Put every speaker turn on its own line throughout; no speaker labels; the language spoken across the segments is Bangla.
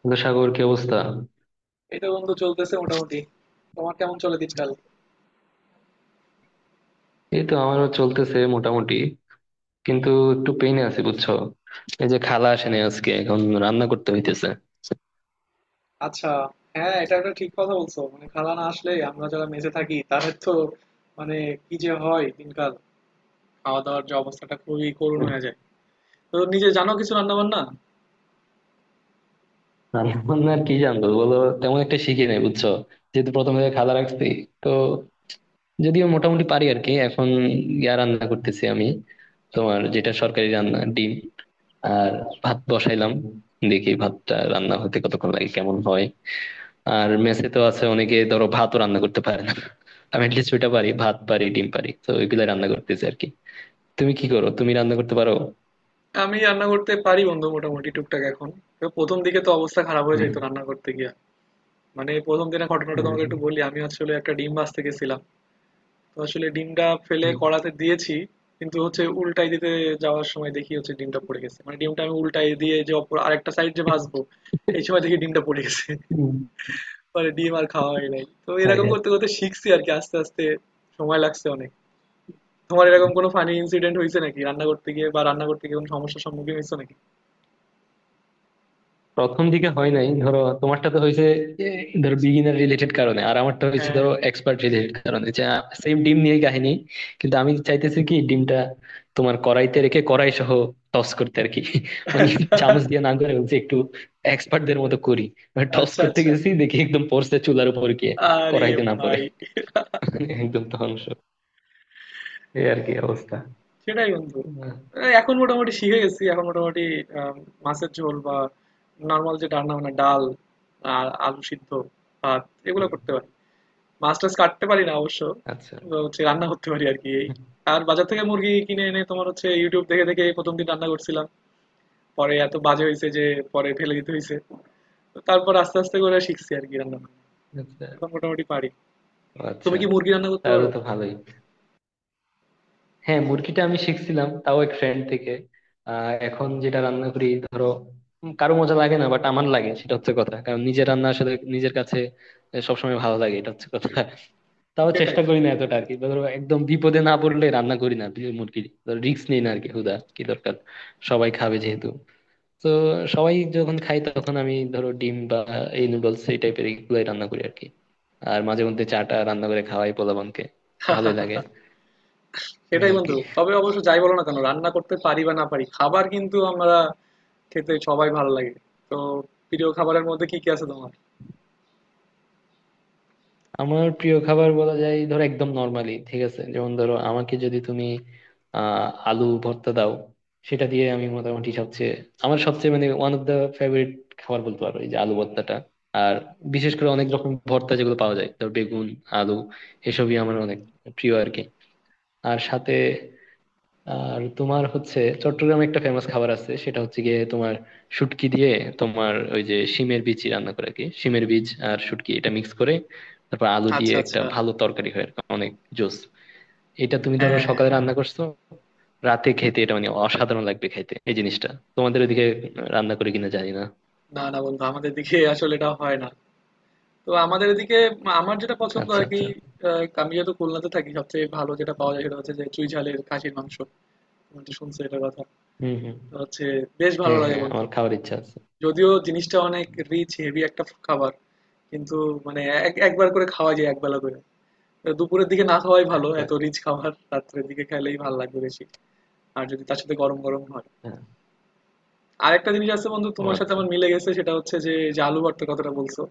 কিন্তু সাগর কি অবস্থা?
এই তো বন্ধু, চলতেছে মোটামুটি। তোমার কেমন চলে দিনকাল?
এই তো আমারও চলতেছে মোটামুটি। কিন্তু একটু পেইনে আছি বুঝছো। এই যে খালা আসেনি আজকে, এখন রান্না করতে হইতেছে।
আচ্ছা। হ্যাঁ, এটা একটা ঠিক কথা বলছো। মানে, খালা না আসলে আমরা যারা মেসে থাকি তাদের তো মানে, কি যে হয় দিনকাল। খাওয়া দাওয়ার যে অবস্থাটা খুবই করুণ হয়ে যায়। তো নিজে জানো কিছু রান্না বান্না?
রান্না বান্না আর কি জানবো বলো, তেমন একটা শিখি নাই বুঝছো। যেহেতু প্রথম থেকে খালা রাখছি, তো যদিও মোটামুটি পারি আর কি। এখন রান্না করতেছি আমি। তোমার যেটা সরকারি রান্না, ডিম আর ভাত বসাইলাম। দেখি ভাতটা রান্না হতে কতক্ষণ লাগে, কেমন হয়। আর মেসে তো আছে অনেকে, ধরো ভাতও রান্না করতে পারে না। আমি অ্যাটলিস্ট ওইটা পারি, ভাত পারি, ডিম পারি, তো ওইগুলা রান্না করতেছি আর কি। তুমি কি করো, তুমি রান্না করতে পারো?
আমি রান্না করতে পারি বন্ধু, মোটামুটি টুকটাক এখন। তো প্রথম দিকে তো অবস্থা খারাপ হয়ে
হুম,
যেত রান্না করতে গিয়া। মানে প্রথম দিনের ঘটনাটা
হুম,
তোমাকে
হুম,
একটু বলি, আমি আসলে একটা ডিম ভাজতে গেছিলাম। তো আসলে ডিমটা ফেলে কড়াতে দিয়েছি, কিন্তু হচ্ছে উল্টাই দিতে যাওয়ার সময় দেখি হচ্ছে ডিমটা পড়ে গেছে। মানে ডিমটা আমি উল্টাই দিয়ে যে অপর আরেকটা সাইড যে ভাজবো, এই সময় দেখি ডিমটা পড়ে গেছে।
হুম।
পরে ডিম আর খাওয়া হয় নাই। তো
হ্যাঁ
এরকম
হ্যাঁ।
করতে করতে শিখছি আর কি, আস্তে আস্তে। সময় লাগছে অনেক। তোমার এরকম কোনো ফানি ইনসিডেন্ট হয়েছে নাকি রান্না করতে গিয়ে, বা রান্না করতে গিয়ে কোনো সমস্যার সম্মুখীন হয়েছে নাকি?
প্রথম দিকে হয় নাই ধরো, তোমারটা তো হয়েছে এ, ধরো বিগিনার রিলেটেড কারণে, আর আমারটা হয়েছে
হ্যাঁ,
ধরো এক্সপার্ট রিলেটেড কারণে। যে সেম ডিম নিয়ে কাহিনী, কিন্তু আমি চাইতেছি কি ডিমটা তোমার কড়াইতে রেখে কড়াই সহ টস করতে আর কি।
হ্যাঁ।
মানে চামচ দিয়ে না করে হচ্ছে একটু এক্সপার্ট দের মতো করি। মানে টস
আচ্ছা,
করতে
আচ্ছা।
গেছি দেখি একদম পড়ছে চুলার উপর গিয়ে,
আরে
কড়াইতে না পড়ে।
ভাই!
একদম ধ্বংস। এই আর কি অবস্থা।
সেটাই বন্ধু।
আহ,
এই এখন মোটামুটি শিখে গেছি, এখন মোটামুটি আম, মাছের ঝোল বা নর্মাল যে রান্না বান্না, ডাল আর আলু সিদ্ধ, ভাত, এগুলো
হুম,
করতে পারি। মাছ টাছ কাটতে পারি না অবশ্য।
আচ্ছা
তো হচ্ছে রান্না করতে পারি আর কি এই। আর বাজার থেকে মুরগি কিনে এনে তোমার হচ্ছে ইউটিউব দেখে দেখে প্রথম দিন রান্না করছিলাম। পরে এত বাজে হয়েছে যে পরে ফেলে দিতে হয়েছে। তো তারপর আস্তে আস্তে করে শিখছি আর কি রান্না বান্না।
আচ্ছা।
এখন মোটামুটি পারি।
ও
তুমি
আচ্ছা।
কি মুরগি রান্না করতে
তাহলে
পারো?
তো ভালোই। হ্যাঁ, মুরগিটা আমি শিখছিলাম তাও এক ফ্রেন্ড থেকে। এখন যেটা রান্না করি ধরো, কারো মজা লাগে না বাট আমার লাগে, সেটা হচ্ছে কথা। কারণ নিজের রান্না আসলে নিজের কাছে সবসময় ভালো লাগে, এটা হচ্ছে কথা। তাও
সেটাই
চেষ্টা করি না এতটা আর কি, ধরো একদম বিপদে না পড়লে রান্না করি না মুরগি। ধরো রিস্ক নেই না আর কি, হুদা কি দরকার, সবাই খাবে যেহেতু। তো সবাই যখন খাই তখন আমি ধরো ডিম বা এই নুডলস, এই টাইপের এগুলোই রান্না করি আর কি। আর মাঝে মধ্যে চাটা রান্না করে খাওয়াই পোলাপানকে, ভালোই লাগে। এই
সেটাই
আর কি।
বন্ধু, তবে অবশ্য যাই বলো না কেন, রান্না করতে পারি বা না পারি, খাবার কিন্তু আমরা খেতে সবাই ভালো লাগে। তো প্রিয় খাবারের মধ্যে কি কি আছে তোমার?
আমার প্রিয় খাবার বলা যায় ধরো একদম নর্মালি ঠিক আছে। যেমন ধরো আমাকে যদি তুমি আলু ভর্তা দাও, সেটা দিয়ে আমি মোটামুটি আমার সবচেয়ে মানে ওয়ান অফ দা ফেভারিট খাবার বলতে পারো, এই যে আলু ভর্তাটা। আর বিশেষ করে অনেক রকম ভর্তা যেগুলো পাওয়া যায়, ধর বেগুন, আলু, এসবই আমার অনেক প্রিয় আর কি। আর সাথে আর তোমার হচ্ছে চট্টগ্রামে একটা ফেমাস খাবার আছে, সেটা হচ্ছে গিয়ে তোমার শুটকি দিয়ে তোমার ওই যে শিমের বিচি রান্না করে আর কি, শিমের বীজ আর শুটকি এটা মিক্স করে, তারপর আলু দিয়ে
আচ্ছা,
একটা
আচ্ছা।
ভালো তরকারি হয় আর কি, অনেক জোস। এটা তুমি ধরো
হ্যাঁ।
সকালে রান্না করছো, রাতে খেতে এটা মানে অসাধারণ লাগবে খাইতে এই জিনিসটা। তোমাদের ওদিকে রান্না করে কিনা জানি না।
না, না বন্ধু, আমাদের দিকে আসলে এটা হয় না। তো আমাদের এদিকে আমার যেটা পছন্দ
আচ্ছা
আর কি,
আচ্ছা।
আমি যেহেতু খুলনাতে থাকি, সবচেয়ে ভালো যেটা পাওয়া যায় সেটা হচ্ছে যে চুই ঝালের খাসির মাংস। তুমি তো শুনছো এটার কথা।
হম হম।
তো হচ্ছে বেশ ভালো
হ্যাঁ
লাগে
হ্যাঁ,
বন্ধু।
আমার খাওয়ার ইচ্ছা আছে।
যদিও জিনিসটা অনেক রিচ, হেভি একটা খাবার, কিন্তু মানে একবার করে খাওয়া যায়, একবেলা করে। দুপুরের দিকে না খাওয়াই ভালো,
আচ্ছা।
এত রিচ খাবার রাত্রের দিকে খেলেই ভালো লাগবে বেশি। আর যদি তার সাথে গরম গরম হয়।
হ্যাঁ।
আরেকটা জিনিস আছে বন্ধু,
ও
তোমার সাথে
আচ্ছা।
আমার মিলে গেছে, সেটা হচ্ছে যে যে আলু ভর্তার কথাটা বলছো।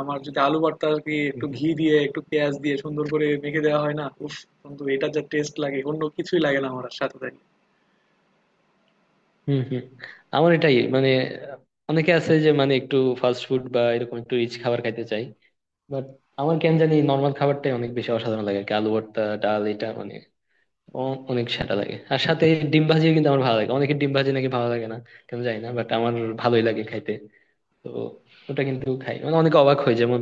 আমার যদি আলু ভর্তা আর কি একটু ঘি দিয়ে একটু পেঁয়াজ দিয়ে সুন্দর করে মেখে দেওয়া হয়, না উফ, বন্ধু এটা যা টেস্ট লাগে, অন্য কিছুই লাগে না আমার আর সাথে তাই।
হম হম। আমার এটাই মানে, অনেকে আছে যে মানে একটু ফাস্ট ফুড বা এরকম একটু রিচ খাবার খাইতে চাই, বাট আমার কেন জানি নর্মাল খাবারটাই অনেক বেশি অসাধারণ লাগে আর কি। আলু ভর্তা, ডাল, এটা মানে অনেক সেটা লাগে। আর সাথে ডিম ভাজিও কিন্তু আমার ভালো লাগে। অনেকের ডিম ভাজি নাকি ভালো লাগে না, কেন জানি না, বাট আমার ভালোই লাগে খাইতে। তো ওটা কিন্তু খাই, মানে অনেকে অবাক হয়। যেমন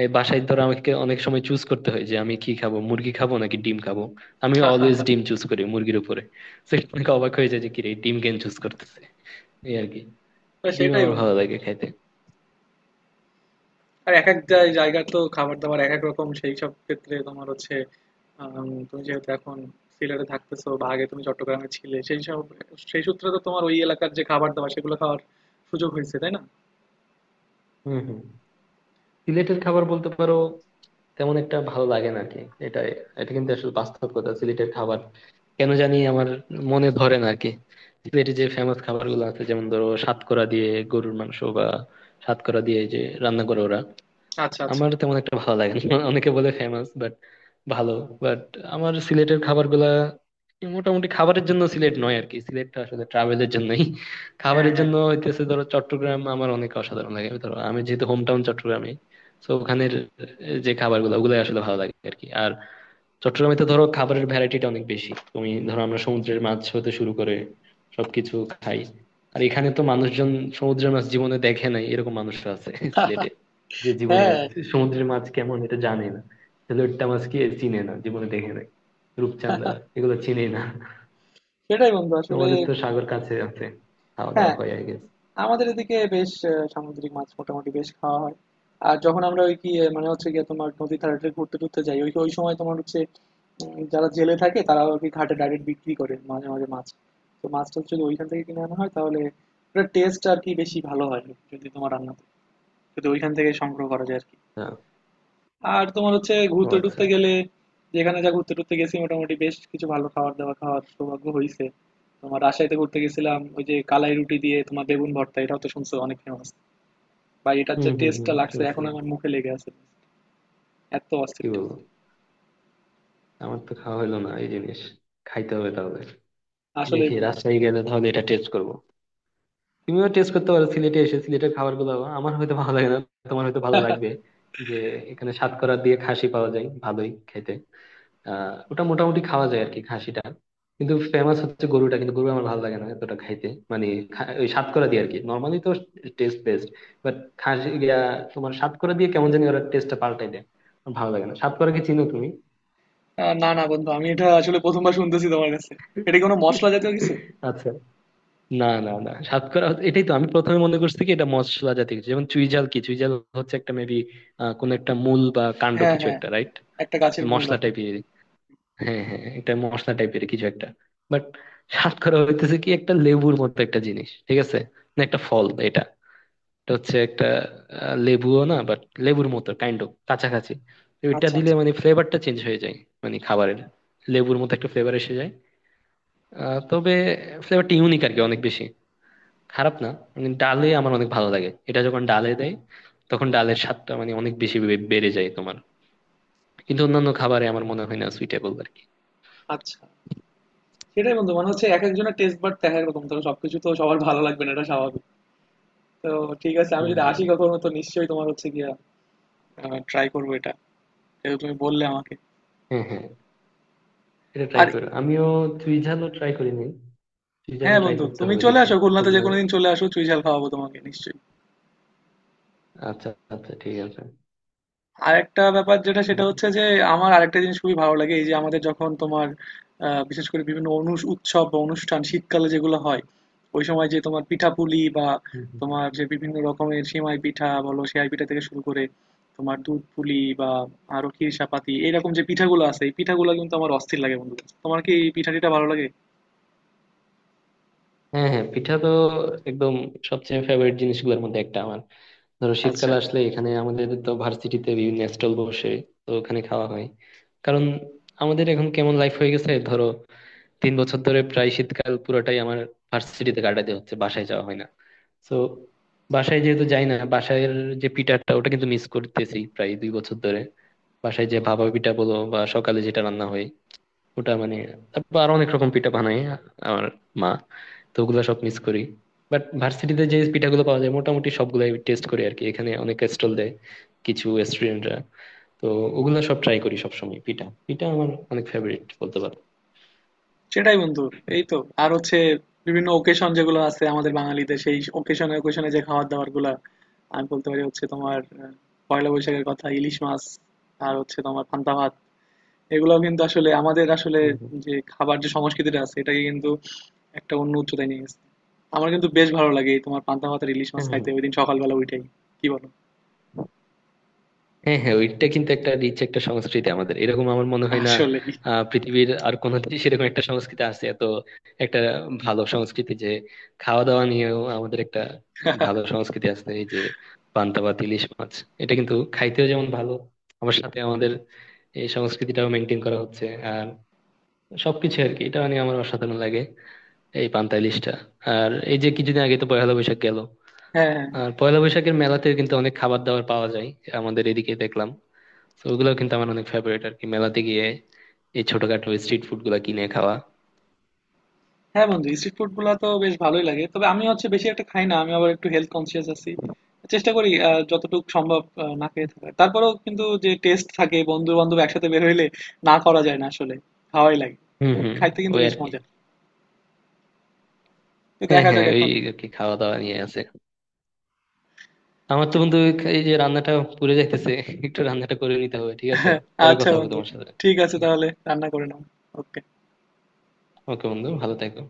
এই বাসায় ধরো আমাকে অনেক সময় চুজ করতে হয় যে আমি কি খাবো, মুরগি খাবো নাকি ডিম খাবো। আমি অলওয়েজ ডিম চুজ করি মুরগির উপরে। তো অনেকে অবাক হয়ে যায় যে কি রে, ডিম কেন চুজ করতেছে। এই আর কি, ডিম
সেটাই
আমার ভালো
বন্ধু।
লাগে খাইতে।
আর এক এক
হুম
জায়গার তো খাবার দাবার এক এক রকম। সেই সব ক্ষেত্রে তোমার হচ্ছে তুমি যেহেতু এখন সিলেটে থাকতেছো, বা আগে তুমি চট্টগ্রামে ছিলে, সেই সব, সেই সূত্রে তো তোমার ওই এলাকার যে খাবার দাবার সেগুলো খাওয়ার সুযোগ হয়েছে, তাই না?
হুম হুম। সিলেটের খাবার বলতে পারো তেমন একটা ভালো লাগে না আর কি। এটা এটা কিন্তু আসলে বাস্তব কথা, সিলেটের খাবার কেন জানি আমার মনে ধরে না আর কি। সিলেটের যে ফেমাস খাবার গুলো আছে, যেমন ধরো সাতকরা দিয়ে গরুর মাংস বা সাতকরা দিয়ে যে রান্না করে ওরা,
আচ্ছা, আচ্ছা।
আমার তেমন একটা ভালো লাগে না। অনেকে বলে ফেমাস, বাট ভালো, বাট আমার সিলেটের খাবারগুলা মোটামুটি, খাবারের জন্য সিলেট নয় আর কি, সিলেটটা আসলে ট্রাভেলের জন্যই।
হ্যাঁ,
খাবারের
হ্যাঁ।
জন্য হইতেছে ধরো চট্টগ্রাম আমার অনেক অসাধারণ লাগে, ধরো আমি যেহেতু হোম টাউন চট্টগ্রামে। তো ওখানের যে খাবারগুলো ওগুলাই আসলে ভালো লাগে আর কি। আর চট্টগ্রামে তো ধরো খাবারের ভ্যারাইটিটা অনেক বেশি, তুমি ধরো আমরা সমুদ্রের মাছ হতে শুরু করে সবকিছু খাই। আর এখানে তো মানুষজন সমুদ্রের মাছ জীবনে দেখে নাই এরকম মানুষরা আছে সিলেটে, যে জীবনে
হ্যাঁ,
সমুদ্রের মাছ কেমন এটা জানে না। লোট্টা মাছ কি চিনে না, জীবনে দেখে নাই। রূপচাঁদা, এগুলো চিনে না।
সেটাই বন্ধু, আসলে।
তোমাদের তো সাগর কাছে আছে, খাওয়া দাওয়া
হ্যাঁ,
হয় আই গেস।
আমাদের এদিকে বেশ সামুদ্রিক মাছ মোটামুটি বেশ খাওয়া হয়। আর যখন আমরা ওই কি মানে হচ্ছে গিয়ে তোমার নদী ধারে ঘুরতে টুরতে যাই, ওই ওই সময় তোমার হচ্ছে যারা জেলে থাকে তারা আর কি ঘাটে ডাইরেক্ট বিক্রি করে মাঝে মাঝে মাছ। তো মাছটা যদি ওইখান থেকে কিনে আনা হয় তাহলে ওটার টেস্ট আর কি বেশি ভালো হয়। যদি তোমার রান্না, যদি ওইখান থেকে সংগ্রহ করা যায় আর কি।
হ্যাঁ।
আর তোমার হচ্ছে
ও
ঘুরতে
আচ্ছা।
টুরতে গেলে, যেখানে যা ঘুরতে টুরতে গেছি, মোটামুটি বেশ কিছু ভালো খাবার দাবার খাওয়ার সৌভাগ্য হয়েছে। তোমার রাজশাহীতে ঘুরতে গেছিলাম, ওই যে কালাই রুটি দিয়ে তোমার বেগুন ভর্তা, এটাও তো শুনছো অনেক ফেমাস। ভাই, এটার
হম
যে
হম হম,
টেস্টটা লাগছে
শুনছি।
এখন আমার মুখে লেগে আছে। এত অস্থির
কি
টেস্ট!
বলবো, আমার তো খাওয়া হলো না এই জিনিস। খাইতে হবে তাহলে।
আসলে
দেখি
বন্ধু
রাজশাহী গেলে তাহলে এটা টেস্ট করবো। তুমিও টেস্ট করতে পারো সিলেটে এসে সিলেটের খাবার গুলো আমার হয়তো ভালো লাগে না, তোমার হয়তো ভালো লাগবে। যে এখানে সাতকরা দিয়ে খাসি পাওয়া যায়, ভালোই খেতে। ওটা মোটামুটি খাওয়া যায় আর কি, খাসিটা। কিন্তু ফেমাস হচ্ছে গরুটা, কিন্তু গরু আমার ভালো লাগে না এতটা খাইতে। মানে ওই সাতকরা দিয়ে আর কি নর্মালি তো টেস্ট বেস্ট, বাট খাসি তোমার সাতকরা দিয়ে কেমন জানি ওরা টেস্টটা পাল্টাই দেয়, আমার ভালো লাগে না। সাতকরা কি চিনো তুমি?
না, না বন্ধু, আমি এটা আসলে প্রথমবার শুনতেছি তোমার কাছে। এটা কি কোনো মশলা জাতীয় কিছু?
আচ্ছা, না না না, সাতকরা হচ্ছে- এটাই তো আমি প্রথমে মনে করছি কি এটা মশলা জাতীয় কিছু, যেমন চুইঝাল। কি চুইঝাল হচ্ছে একটা মেবি কোন একটা মূল বা কাণ্ড
হ্যাঁ,
কিছু
হ্যাঁ,
একটা, রাইট?
একটা গাছের মূল
মশলা
আর কি।
টাইপের। হ্যাঁ হ্যাঁ, এটা মশলা টাইপের কিছু একটা, বাট সাতকরা হইতেছে কি একটা লেবুর মতো একটা জিনিস, ঠিক আছে? না, একটা ফল এটা। এটা হচ্ছে একটা, লেবুও না বাট লেবুর মতো কাইন্ড অফ কাছাকাছি। তো এটা
আচ্ছা, আচ্ছা।
দিলে মানে ফ্লেভারটা চেঞ্জ হয়ে যায়, মানে খাবারের লেবুর মতো একটা ফ্লেভার এসে যায়। তবে ফ্লেভারটা ইউনিক আর কি, অনেক বেশি খারাপ না। মানে ডালে আমার অনেক ভালো লাগে এটা, যখন ডালে দেয় তখন ডালের স্বাদটা মানে অনেক বেশি বেড়ে যায় তোমার। কিন্তু অন্যান্য খাবারে আমার মনে হয় না সুইটেবল আর কি।
আচ্ছা, সেটাই বন্ধু, মনে হচ্ছে এক একজনের টেস্ট, বাট দেখা এরকম, তবে সবকিছু তো সবার ভালো লাগবে না, এটা স্বাভাবিক। তো ঠিক আছে, আমি
হম
যদি
হম।
আসি কখনো তো নিশ্চয়ই তোমার হচ্ছে গিয়া ট্রাই করবো এটা, যেহেতু তুমি বললে আমাকে।
হ্যাঁ হ্যাঁ, এটা ট্রাই
আর
করো। আমিও তুই ঝালও ট্রাই করিনি, তুই ঝালও
হ্যাঁ
ট্রাই
বন্ধু,
করতে
তুমি
হবে
চলে
দেখি।
আসো খুলনাতে, যে
খুলনা,
কোনোদিন চলে আসো, চুই ঝাল খাওয়াবো তোমাকে নিশ্চয়ই।
আচ্ছা। আচ্ছা ঠিক আছে।
আরেকটা ব্যাপার যেটা, সেটা
হুম,
হচ্ছে যে আমার আরেকটা জিনিস খুবই ভালো লাগে, এই যে আমাদের যখন তোমার বিশেষ করে বিভিন্ন উৎসব বা অনুষ্ঠান শীতকালে যেগুলো হয়, ওই সময় যে তোমার পিঠাপুলি, বা
হুম, হুম।
তোমার যে বিভিন্ন রকমের সেমাই পিঠা বলো, সেমাই পিঠা থেকে শুরু করে তোমার দুধ পুলি বা আরো ক্ষীরসাপাতি, এরকম যে পিঠাগুলো আছে, এই পিঠাগুলো কিন্তু আমার অস্থির লাগে বন্ধু। তোমার কি এই পিঠা টিঠা ভালো লাগে?
হ্যাঁ হ্যাঁ, পিঠা তো একদম সবচেয়ে ফেভারিট জিনিসগুলোর মধ্যে একটা আমার। ধরো শীতকাল
আচ্ছা,
আসলে এখানে আমাদের তো ভার্সিটিতে বিভিন্ন স্টল বসে, তো ওখানে খাওয়া হয়। কারণ আমাদের এখন কেমন লাইফ হয়ে গেছে, ধরো 3 বছর ধরে প্রায় শীতকাল পুরোটাই আমার ভার্সিটিতে কাটাতে হচ্ছে, বাসায় যাওয়া হয় না। তো বাসায় যেহেতু যাই না, বাসায়ের যে পিঠাটা ওটা কিন্তু মিস করতেছি প্রায় 2 বছর ধরে। বাসায় যে ভাপা পিঠা বলো বা সকালে যেটা রান্না হয় ওটা মানে, তারপর আরো অনেক রকম পিঠা বানায় আমার মা, তো ওগুলো সব মিস করি। বাট ভার্সিটিতে যে পিঠাগুলো পাওয়া যায় মোটামুটি সবগুলাই টেস্ট করি আর কি, এখানে অনেক স্টল দেয় কিছু স্টুডেন্টরা। তো ওগুলো সব ট্রাই করি সবসময়। পিঠা পিঠা আমার অনেক ফেভারিট বলতে পারো।
সেটাই বন্ধু। এই তো। আর হচ্ছে বিভিন্ন ওকেশন যেগুলো আছে আমাদের বাঙালিদের, সেই ওকেশনে ওকেশনে যে খাবার দাবার গুলা, আমি বলতে পারি হচ্ছে তোমার পয়লা বৈশাখের কথা, ইলিশ মাছ, আর হচ্ছে তোমার পান্তা ভাত, এগুলো কিন্তু আসলে আমাদের আসলে
হম হম।
যে খাবার, যে সংস্কৃতিটা আছে, এটাকে কিন্তু একটা অন্য উচ্চতায় নিয়ে গেছে। আমার কিন্তু বেশ ভালো লাগে এই তোমার পান্তা ভাত আর ইলিশ মাছ
হম হম।
খাইতে, ওইদিন সকালবেলা উঠেই। কি বলো?
হ্যাঁ হ্যাঁ, ওইটা কিন্তু একটা রিচ একটা সংস্কৃতি আমাদের, এরকম আমার মনে হয় না
আসলেই।
পৃথিবীর আর কোনো দেশে এরকম একটা সংস্কৃতি আছে, এত একটা ভালো সংস্কৃতি। যে খাওয়া দাওয়া নিয়েও আমাদের একটা ভালো সংস্কৃতি আছে, এই যে পান্তা ভাত ইলিশ মাছ, এটা কিন্তু খাইতেও যেমন ভালো আমার সাথে আমাদের এই সংস্কৃতিটাও মেনটেন করা হচ্ছে আর সবকিছু আর কি। এটা নিয়ে আমার অসাধারণ লাগে এই পান্তা ইলিশটা। আর এই যে কিছুদিন আগে তো পয়লা বৈশাখ গেল।
হ্যাঁ, হ্যাঁ, হ্যাঁ।
আর পয়লা বৈশাখের মেলাতে কিন্তু অনেক খাবার দাবার পাওয়া যায় আমাদের এদিকে, দেখলাম। তো ওগুলো কিন্তু আমার অনেক ফেভারিট আর কি, মেলাতে গিয়ে এই ছোটখাটো স্ট্রিট ফুড গুলা কিনে খাওয়া।
হ্যাঁ বন্ধু, স্ট্রিট ফুড গুলা তো বেশ ভালোই লাগে, তবে আমি হচ্ছে বেশি একটা খাই না, আমি আবার একটু হেলথ কনসিয়াস আছি। চেষ্টা করি যতটুকু সম্ভব না খেয়ে থাকার, তারপরেও কিন্তু যে টেস্ট থাকে বন্ধু বান্ধব একসাথে বের হইলে, না করা যায় না আসলে, খাওয়াই লাগে।
হুম
তো
হুম।
খাইতে কিন্তু
ওই
বেশ
আর কি।
মজা। তো
হ্যাঁ
দেখা যাক
হ্যাঁ, ওই
এখন।
আর কি খাওয়া দাওয়া নিয়ে আছে। আমার তো বন্ধু এই যে রান্নাটা পুড়ে যাইতেছে, একটু রান্নাটা করে নিতে হবে, ঠিক আছে? পরে
আচ্ছা
কথা হবে
বন্ধু,
তোমার সাথে।
ঠিক আছে তাহলে রান্না করে নাও। ওকে।
ওকে বন্ধু, ভালো থেকো।